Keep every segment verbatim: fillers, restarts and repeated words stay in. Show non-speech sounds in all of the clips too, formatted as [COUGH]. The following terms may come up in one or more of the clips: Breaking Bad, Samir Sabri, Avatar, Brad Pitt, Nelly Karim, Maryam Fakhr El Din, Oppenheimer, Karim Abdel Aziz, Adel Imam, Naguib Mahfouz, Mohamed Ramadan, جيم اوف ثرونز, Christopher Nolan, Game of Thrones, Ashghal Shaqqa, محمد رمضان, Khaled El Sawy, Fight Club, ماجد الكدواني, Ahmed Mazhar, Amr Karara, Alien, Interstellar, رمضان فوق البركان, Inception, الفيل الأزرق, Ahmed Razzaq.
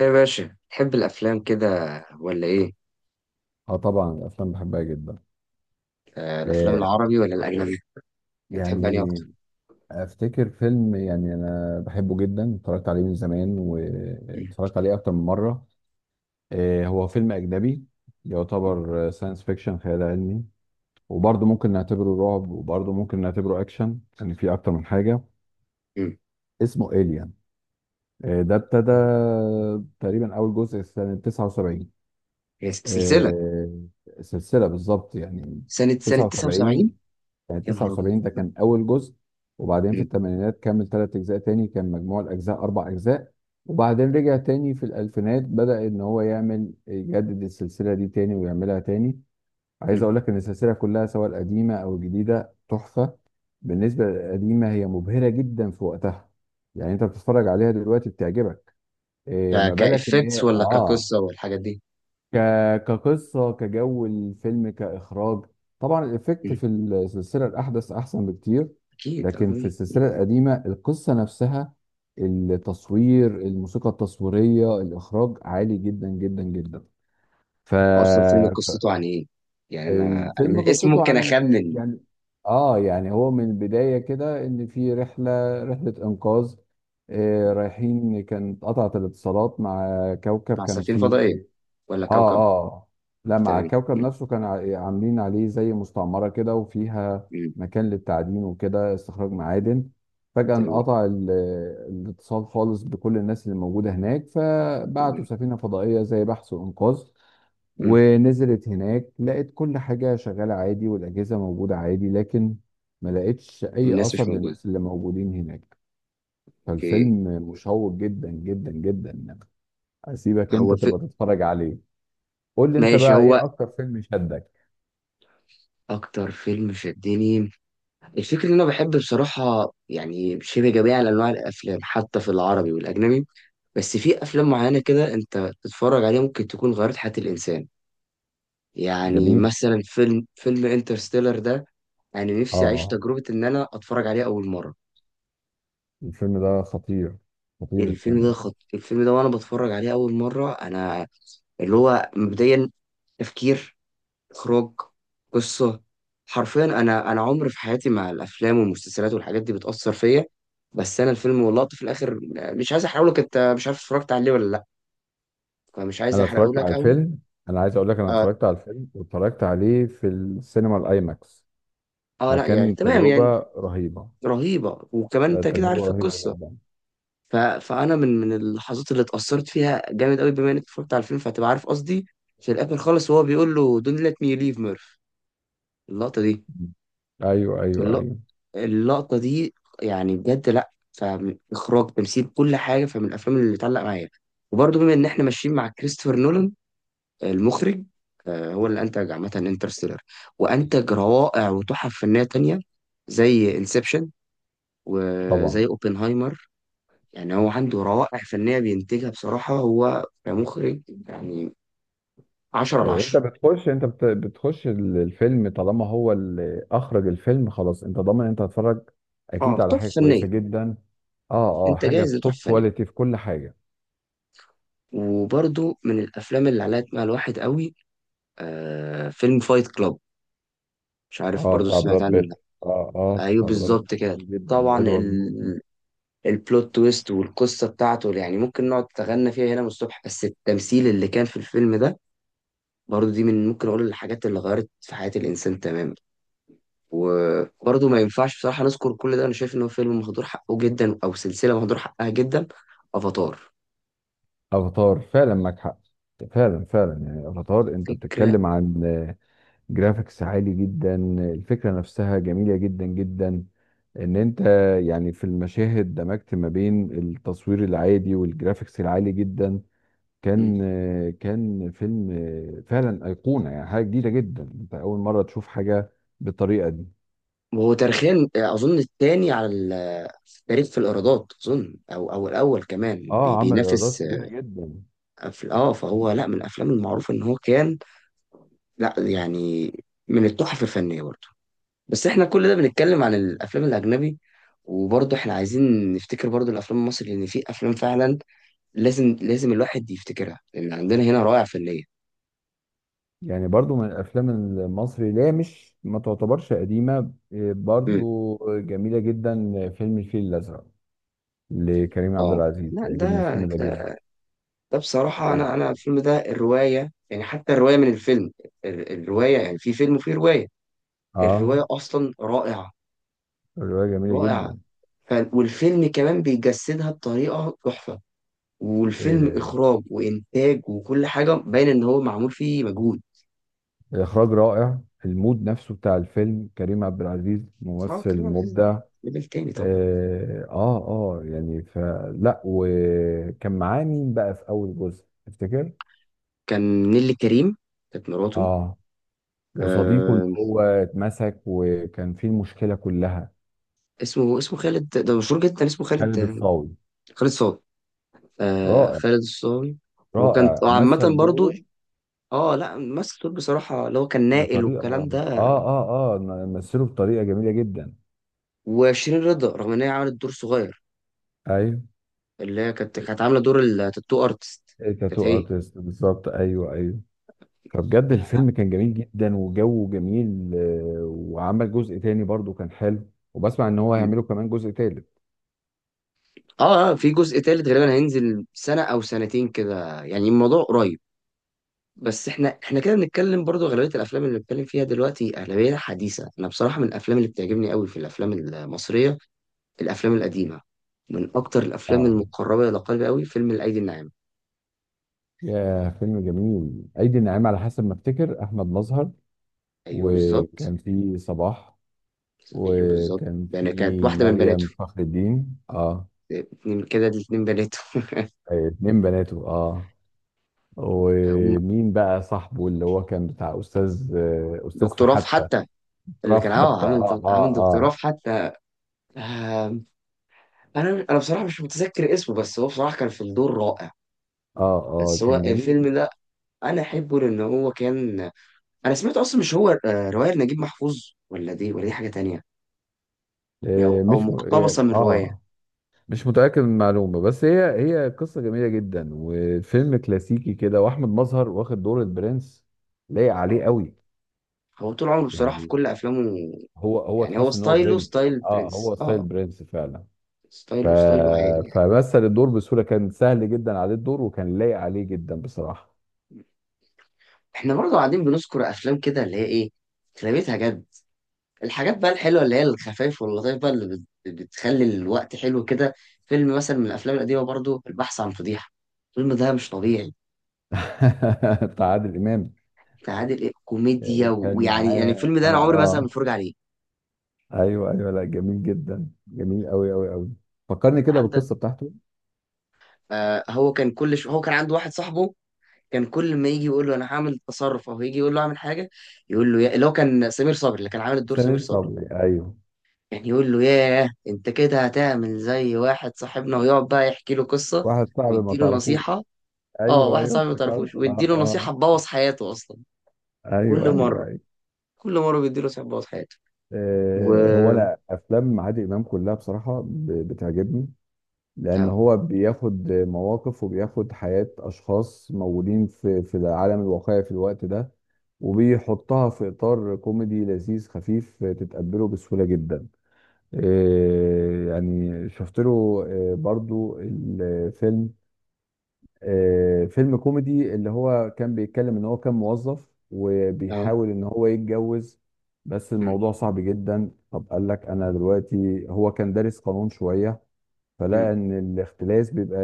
ايه يا باشا تحب الافلام كده ولا ايه؟ اه، طبعا الافلام بحبها جدا. آه، الافلام آه العربي ولا الاجنبي؟ يعني بتحب انهي يعني اكتر؟ افتكر فيلم، يعني انا بحبه جدا، اتفرجت عليه من زمان مم. واتفرجت عليه اكتر من مره. آه، هو فيلم اجنبي، يعتبر ساينس فيكشن، خيال علمي، وبرضه ممكن نعتبره رعب، وبرضه ممكن نعتبره اكشن، يعني في اكتر من حاجه. مم. اسمه إيليان. آه، ده ابتدى مم. تقريبا اول جزء سنه تسعة وسبعين. هي س- سلسله. آه، سلسله بالظبط يعني. سنه سنه تسعه وسبعين. تسعة وسبعين. يعني يا نهار ابيض. تسعة وسبعين ده كان أول جزء. وبعدين في مم. الثمانينات كمل ثلاث أجزاء تاني، كان مجموع الأجزاء أربع أجزاء. وبعدين رجع تاني في الألفينات، بدأ إن هو يعمل يجدد السلسلة دي تاني ويعملها تاني. عايز مم. أقول لك إن السلسلة كلها، سواء القديمة أو الجديدة، تحفة. بالنسبة للقديمة، هي مبهرة جدا في وقتها، يعني أنت بتتفرج عليها دلوقتي بتعجبك، إيه ما ك- بالك إن كافكتس هي؟ ولا آه كقصه والحاجات دي؟ ك... كقصة، كجو الفيلم، كإخراج. طبعا الإفكت مم. في السلسلة الأحدث أحسن بكتير، اكيد آه، لكن في طبيعي. السلسلة القديمة القصة نفسها، التصوير، الموسيقى التصويرية، الإخراج عالي جدا جدا جدا. ف... اصلا فيلم ف... قصته عن ايه؟ يعني انا انا من الفيلم الاسم قصته ممكن عن، اخمن. يعني آه يعني هو من البداية كده إن في رحلة رحلة إنقاذ. آه، رايحين، كانت قطعت الاتصالات مع كوكب مع كان سفينه فيه. فضائيه ولا اه، كوكب؟ اه، لا، مع تمام. الكوكب مم. نفسه، كان ع- يعني عاملين عليه زي مستعمرة كده، وفيها مم. مكان للتعدين وكده، استخراج معادن. فجأة تمام انقطع ال- الاتصال خالص بكل الناس اللي موجودة هناك، مم. فبعتوا سفينة فضائية زي بحث وإنقاذ. مم. ونزلت هناك، لقت كل حاجة شغالة عادي، والأجهزة موجودة عادي، لكن ما لقتش أي الناس مش أثر موجوده. للناس اللي موجودين هناك. اوكي. فالفيلم مشوق جدا جدا جدا. أسيبك هو أنت الف... تبقى تتفرج عليه. قول لي انت ماشي. بقى هو ايه اكتر فيلم شدك. اكتر فيلم شدني، الفكرة ان انا بحب بصراحة، يعني شبه جميع انواع الافلام حتى في العربي والاجنبي. بس في افلام معينة كده انت تتفرج عليها ممكن تكون غيرت حياة الانسان. يعني جميل. مثلا فيلم فيلم انترستيلر ده، انا نفسي اعيش اه، تجربة ان انا اتفرج عليه اول مرة. الفيلم ده خطير، خطير الفيلم الفيلم ده ده. خط... الفيلم ده وانا بتفرج عليه اول مرة انا، اللي هو مبدئيا، تفكير، اخراج، قصه، حرفيا انا انا عمري في حياتي مع الافلام والمسلسلات والحاجات دي بتاثر فيا. بس انا الفيلم واللقطه في الاخر، مش عايز احرقه لك، انت مش عارف اتفرجت عليه ولا لا، فمش عايز انا احرقه اتفرجت على لك قوي. الفيلم، انا عايز اقول لك انا آه, اتفرجت على الفيلم واتفرجت عليه في السينما الايماكس، اه لا يعني فكان تمام يعني. تجربة رهيبة. رهيبه، وكمان آه، انت كده تجربة عارف رهيبة القصه. جدا. ف... فانا من من اللحظات اللي اتاثرت فيها جامد قوي، بما انك اتفرجت على الفيلم فهتبقى عارف قصدي، في الاخر خالص وهو بيقول له دون ليت مي ليف ميرف. اللقطه دي، ايوه، ايوه، اللقطه، ايوه. اللقطة دي، يعني بجد لأ. فإخراج، تمثيل، كل حاجة، فمن الأفلام اللي اتعلق معايا. وبرضه بما إن إحنا ماشيين مع كريستوفر نولان المخرج، آه، هو اللي أنتج عامة انترستيلر، وأنتج روائع وتحف فنية تانية زي انسبشن طبعا. وزي اوبنهايمر. يعني هو عنده روائع فنية بينتجها بصراحة هو كمخرج. يعني عشرة على إيه، انت عشرة. بتخش انت بت- بتخش ال- الفيلم طالما هو اللي اخرج الفيلم، خلاص انت ضامن، انت هتتفرج اه اكيد على تحف حاجة فنية. كويسة جدا. اه، اه، انت حاجة جاهز توب لتحف فنية. كواليتي في كل حاجة. وبرضه من الافلام اللي علقت مع الواحد قوي، آه، فيلم فايت كلاب. مش عارف اه، برضو بتاع سمعت براد عنه ولا لأ. بيت، اه، اه، ايوه بتاع براد بيت، بالظبط كده. جدا، طبعا وادوارد نورتون. ال... البلوت تويست والقصه بتاعته يعني ممكن نقعد نتغنى فيها هنا من الصبح. بس التمثيل اللي كان في الفيلم ده، برضو دي من ممكن اقول الحاجات اللي غيرت في حياه الانسان تماما. وبرضو ما ينفعش بصراحه نذكر كل ده، انا شايف ان هو فيلم مهدور حقه جدا، او سلسله مهدور حقها جدا. افاتار. افاتار، فعلا معاك حق، فعلا فعلا. يعني افاتار، انت فكره. بتتكلم عن، آه، جرافيكس عالي جدا، الفكره نفسها جميله جدا جدا، ان انت، يعني في المشاهد دمجت ما بين التصوير العادي والجرافيكس العالي جدا. م. كان، آه، كان فيلم، آه، فعلا ايقونه، يعني حاجه جديده جدا، انت اول مره تشوف حاجه بالطريقه دي. وهو تاريخيا اظن الثاني على ال- في التاريخ في الايرادات، اظن او او الاول كمان بي- اه، عمل ايرادات بينافس. كبيره جدا. أفل... اه فهو لا، من الافلام المعروفه ان هو كان، لا يعني، من التحف الفنيه برضه. بس احنا كل ده بنتكلم عن الافلام الاجنبي، وبرضه احنا عايزين نفتكر برضه الافلام المصري، لان في افلام فعلا لازم لازم الواحد يفتكرها، لان عندنا هنا روائع فنيه. يعني برضو من الافلام المصري اللي هي مش ما تعتبرش قديمه، إيه، امم. برضو جميله جدا، فيلم الفيل الازرق لكريم عبد اه العزيز، لا عجبني الفيلم ده، ده جدا. ده بصراحه، انا إيه. انا الفيلم ده الروايه، يعني حتى الروايه من الفيلم، ال- الروايه، يعني في فيلم وفي روايه، اه. الروايه اصلا رائعه، الروايه جميله رائعه. جدا. ف... والفيلم كمان بيجسدها بطريقه تحفه، والفيلم إيه. اخراج وانتاج وكل حاجه باين ان هو معمول فيه مجهود. اخراج رائع، المود نفسه بتاع الفيلم، كريم عبد العزيز اه، ممثل كريم عبد العزيز مبدع. ليفل تاني طبعا. اه، اه، آه، يعني فلا. وكان معاه مين بقى في اول جزء تفتكر؟ كان نيلي كريم، كانت مراته. اه. وصديقه اللي آه، هو اتمسك وكان فيه المشكله كلها. اسمه اسمه خالد، ده مشهور جدا اسمه خالد. خالد الصاوي. خالد صاوي، آه رائع. خالد الصاوي. وكانت رائع عامه مثل برضو. دوره. اه لا، ممثل دور بصراحه، اللي هو كان نائل بطريقه، والكلام اه، ده. اه، اه، مثله بطريقه جميله جدا. وشيرين رضا رغم ان هي عملت دور صغير، ايوه. اللي هي كانت كانت عامله دور التاتو ارتست. كانت تاتو هي. ارتست، بالظبط، ايوه، ايوه. فبجد لا، الفيلم كان جميل جدا، وجوه جميل، آه، وعمل جزء تاني برضو كان حلو، وبسمع ان هو هيعملوا كمان جزء تالت. اه آه، في جزء تالت غالبا هينزل سنة او سنتين كده، يعني الموضوع قريب. بس احنا احنا كده بنتكلم برضو اغلبية الافلام اللي بنتكلم فيها دلوقتي اغلبية حديثة. انا بصراحة من الافلام اللي بتعجبني قوي في الافلام المصرية، الافلام القديمة. من اكتر الافلام اه. المقربة الى قلبي قوي فيلم الايدي الناعمة. يا فيلم جميل، ايدي الناعمة، على حسب ما افتكر احمد مظهر. ايوه بالظبط. وكان في صباح، ايوه بالظبط. وكان ده انا كانت في واحدة من بناته، مريم فخر الدين. اه. اتنين كده، دي اتنين بناته. [LAUGHS] آه، اتنين بناته، اه. هم، ومين بقى صاحبه اللي هو كان بتاع استاذ، استاذ في دكتور رف حتى؟ حتى، اللي راف كان اه حتى، عامل اه، دك- عامل اه، دكتور اه، رف حتى. انا انا بصراحه مش متذكر اسمه، بس هو بصراحه كان في الدور رائع. اه، اه، بس هو كان جميل. الفيلم ده انا احبه لان هو كان، انا سمعت اصلا مش هو آه، روايه نجيب محفوظ، ولا دي، ولا دي حاجه تانية، او آه أو مش م... مقتبسه يعني، من روايه. اه، مش متاكد من المعلومه، بس هي، هي قصه جميله جدا، وفيلم كلاسيكي كده، واحمد مظهر واخد دور البرنس، لايق عليه أو قوي. هو طول عمره بصراحه في يعني كل افلامه، هو هو يعني هو تحس ان هو ستايله برنس، يعني ستايل اه هو برنس، ستايل اه، برنس فعلا. ف... ستايله ستايله عالي يعني. فمثل الدور بسهوله، كان سهل جدا عليه الدور، وكان لايق عليه جدا بصراحه. احنا برضه قاعدين بنذكر افلام كده اللي هي ايه، اغلبيتها جد، الحاجات بقى الحلوه اللي هي الخفايف واللطايف بقى اللي بت- بتخلي الوقت حلو كده. فيلم مثلا من الافلام القديمه برضو، البحث عن فضيحه. الفيلم ده مش طبيعي. [LAUGHS] بتاع عادل امام. بتاع عادل امام كوميديا، وكان ويعني يعني معاه، الفيلم اه، ده انا عمري مثلا ما اه، اتفرج عليه. ايوه ايوه، لا جميل جدا، جميل قوي قوي قوي. فكرني كده وعندك، بالقصه بتاعته. آه هو كان كل ش... هو كان عنده واحد صاحبه، كان كل ما يجي يقول له انا هعمل تصرف او يجي يقول له اعمل حاجه، يقول له يا... اللي هو كان سمير صبري، اللي كان عامل الدور سمير سمير صبري، صبري، ايوه. كان يقول له ياه انت كده هتعمل زي واحد صاحبنا، ويقعد بقى يحكي له قصه واحد صعب ما ويديله نصيحه. تعرفوش. اه ايوه واحد ايوه صاحبي ما تعرفوش افتكرت، اه، ويديله اه. نصيحة تبوظ حياته أصلا. كل ايوه، ايوه، مرة، ايوه. كل مرة بيديله نصيحة تبوظ حياته. و، آه، هو انا افلام عادل امام كلها بصراحه ب- بتعجبني، لان اه هو بياخد مواقف وبياخد حياة اشخاص موجودين في في العالم الواقعي في الوقت ده، وبيحطها في اطار كوميدي لذيذ خفيف، تتقبله بسهولة جدا. إيه، يعني شفت له، إيه، برضو الفيلم، إيه، فيلم كوميدي اللي هو كان بيتكلم ان هو كان موظف اه. وبيحاول ان هو يتجوز، بس أمم، الموضوع صعب جدا. طب قال لك انا دلوقتي، هو كان دارس قانون شوية، فلا أمم، ان الاختلاس بيبقى،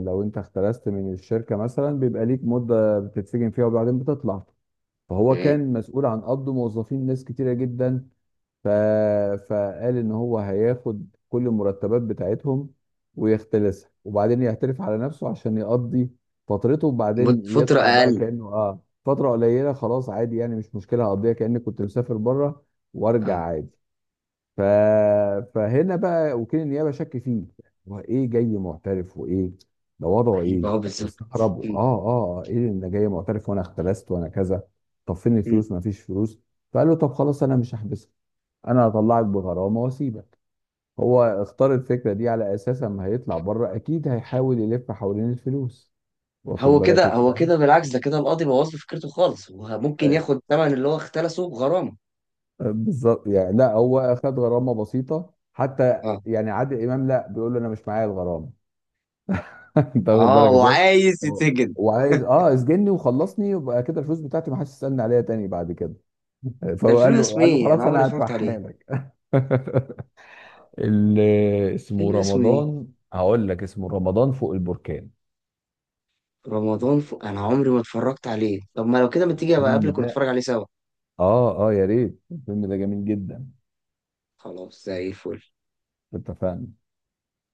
لو انت اختلست من الشركه مثلا بيبقى ليك مده بتتسجن فيها، وبعدين بتطلع. فهو تمام. كان مسؤول عن قبض موظفين، ناس كتيره جدا. ف... فقال ان هو هياخد كل المرتبات بتاعتهم ويختلسها، وبعدين يعترف على نفسه عشان يقضي فترته، مد- وبعدين فترة يطلع بقى أقل. كانه، اه، فتره قليله خلاص عادي، يعني مش مشكله، هقضيها كاني كنت مسافر بره وارجع اه. عادي. ف... فهنا بقى وكيل النيابه شك فيه، هو ايه جاي معترف، وايه ده وضعه يبقى ايه؟ هو بالظبط. استغربوا، اه، أمم، اه، آه، ايه اللي جاي معترف وانا اختلست وانا كذا؟ طب فين أمم. الفلوس؟ ما فيش فلوس. فقال له طب خلاص انا مش هحبسك، انا هطلعك بغرامه واسيبك. هو اختار الفكره دي على اساس اما هيطلع بره اكيد هيحاول يلف حوالين الفلوس، واخد هو بالك كده، هو ازاي. كده بالعكس، ده كده القاضي بوظ له فكرته خالص، هو ممكن أي- ياخد الثمن اللي هو اختلسه بغرامة. بالظبط يعني. لا، هو اخد غرامه بسيطه حتى، اه يعني عادل امام لا، بيقول له انا مش معايا الغرامه. [LAUGHS] انت واخد اه. بالك ازاي. وعايز اه، يتسجن. وعايز، اه، اسجني وخلصني، يبقى كده الفلوس بتاعتي ما حدش يسالني عليها تاني بعد كده. ده فهو الفيلم قال له اسمه قال له ايه؟ أنا خلاص عمري ما انا اتفرجت عليه. هدفعها لك. [LAUGHS] اللي اسمه الفيلم اسمه ايه؟ رمضان، هقول لك اسمه رمضان فوق البركان. رمضان ف... أنا عمري ما اتفرجت عليه، طب ما لو كده ما تيجي أبقى الفيلم أقابلك ونتفرج ده، عليه سوا. اه، اه، يا ريت، الفيلم ده جميل جدا. خلاص زي الفل. اتفقنا.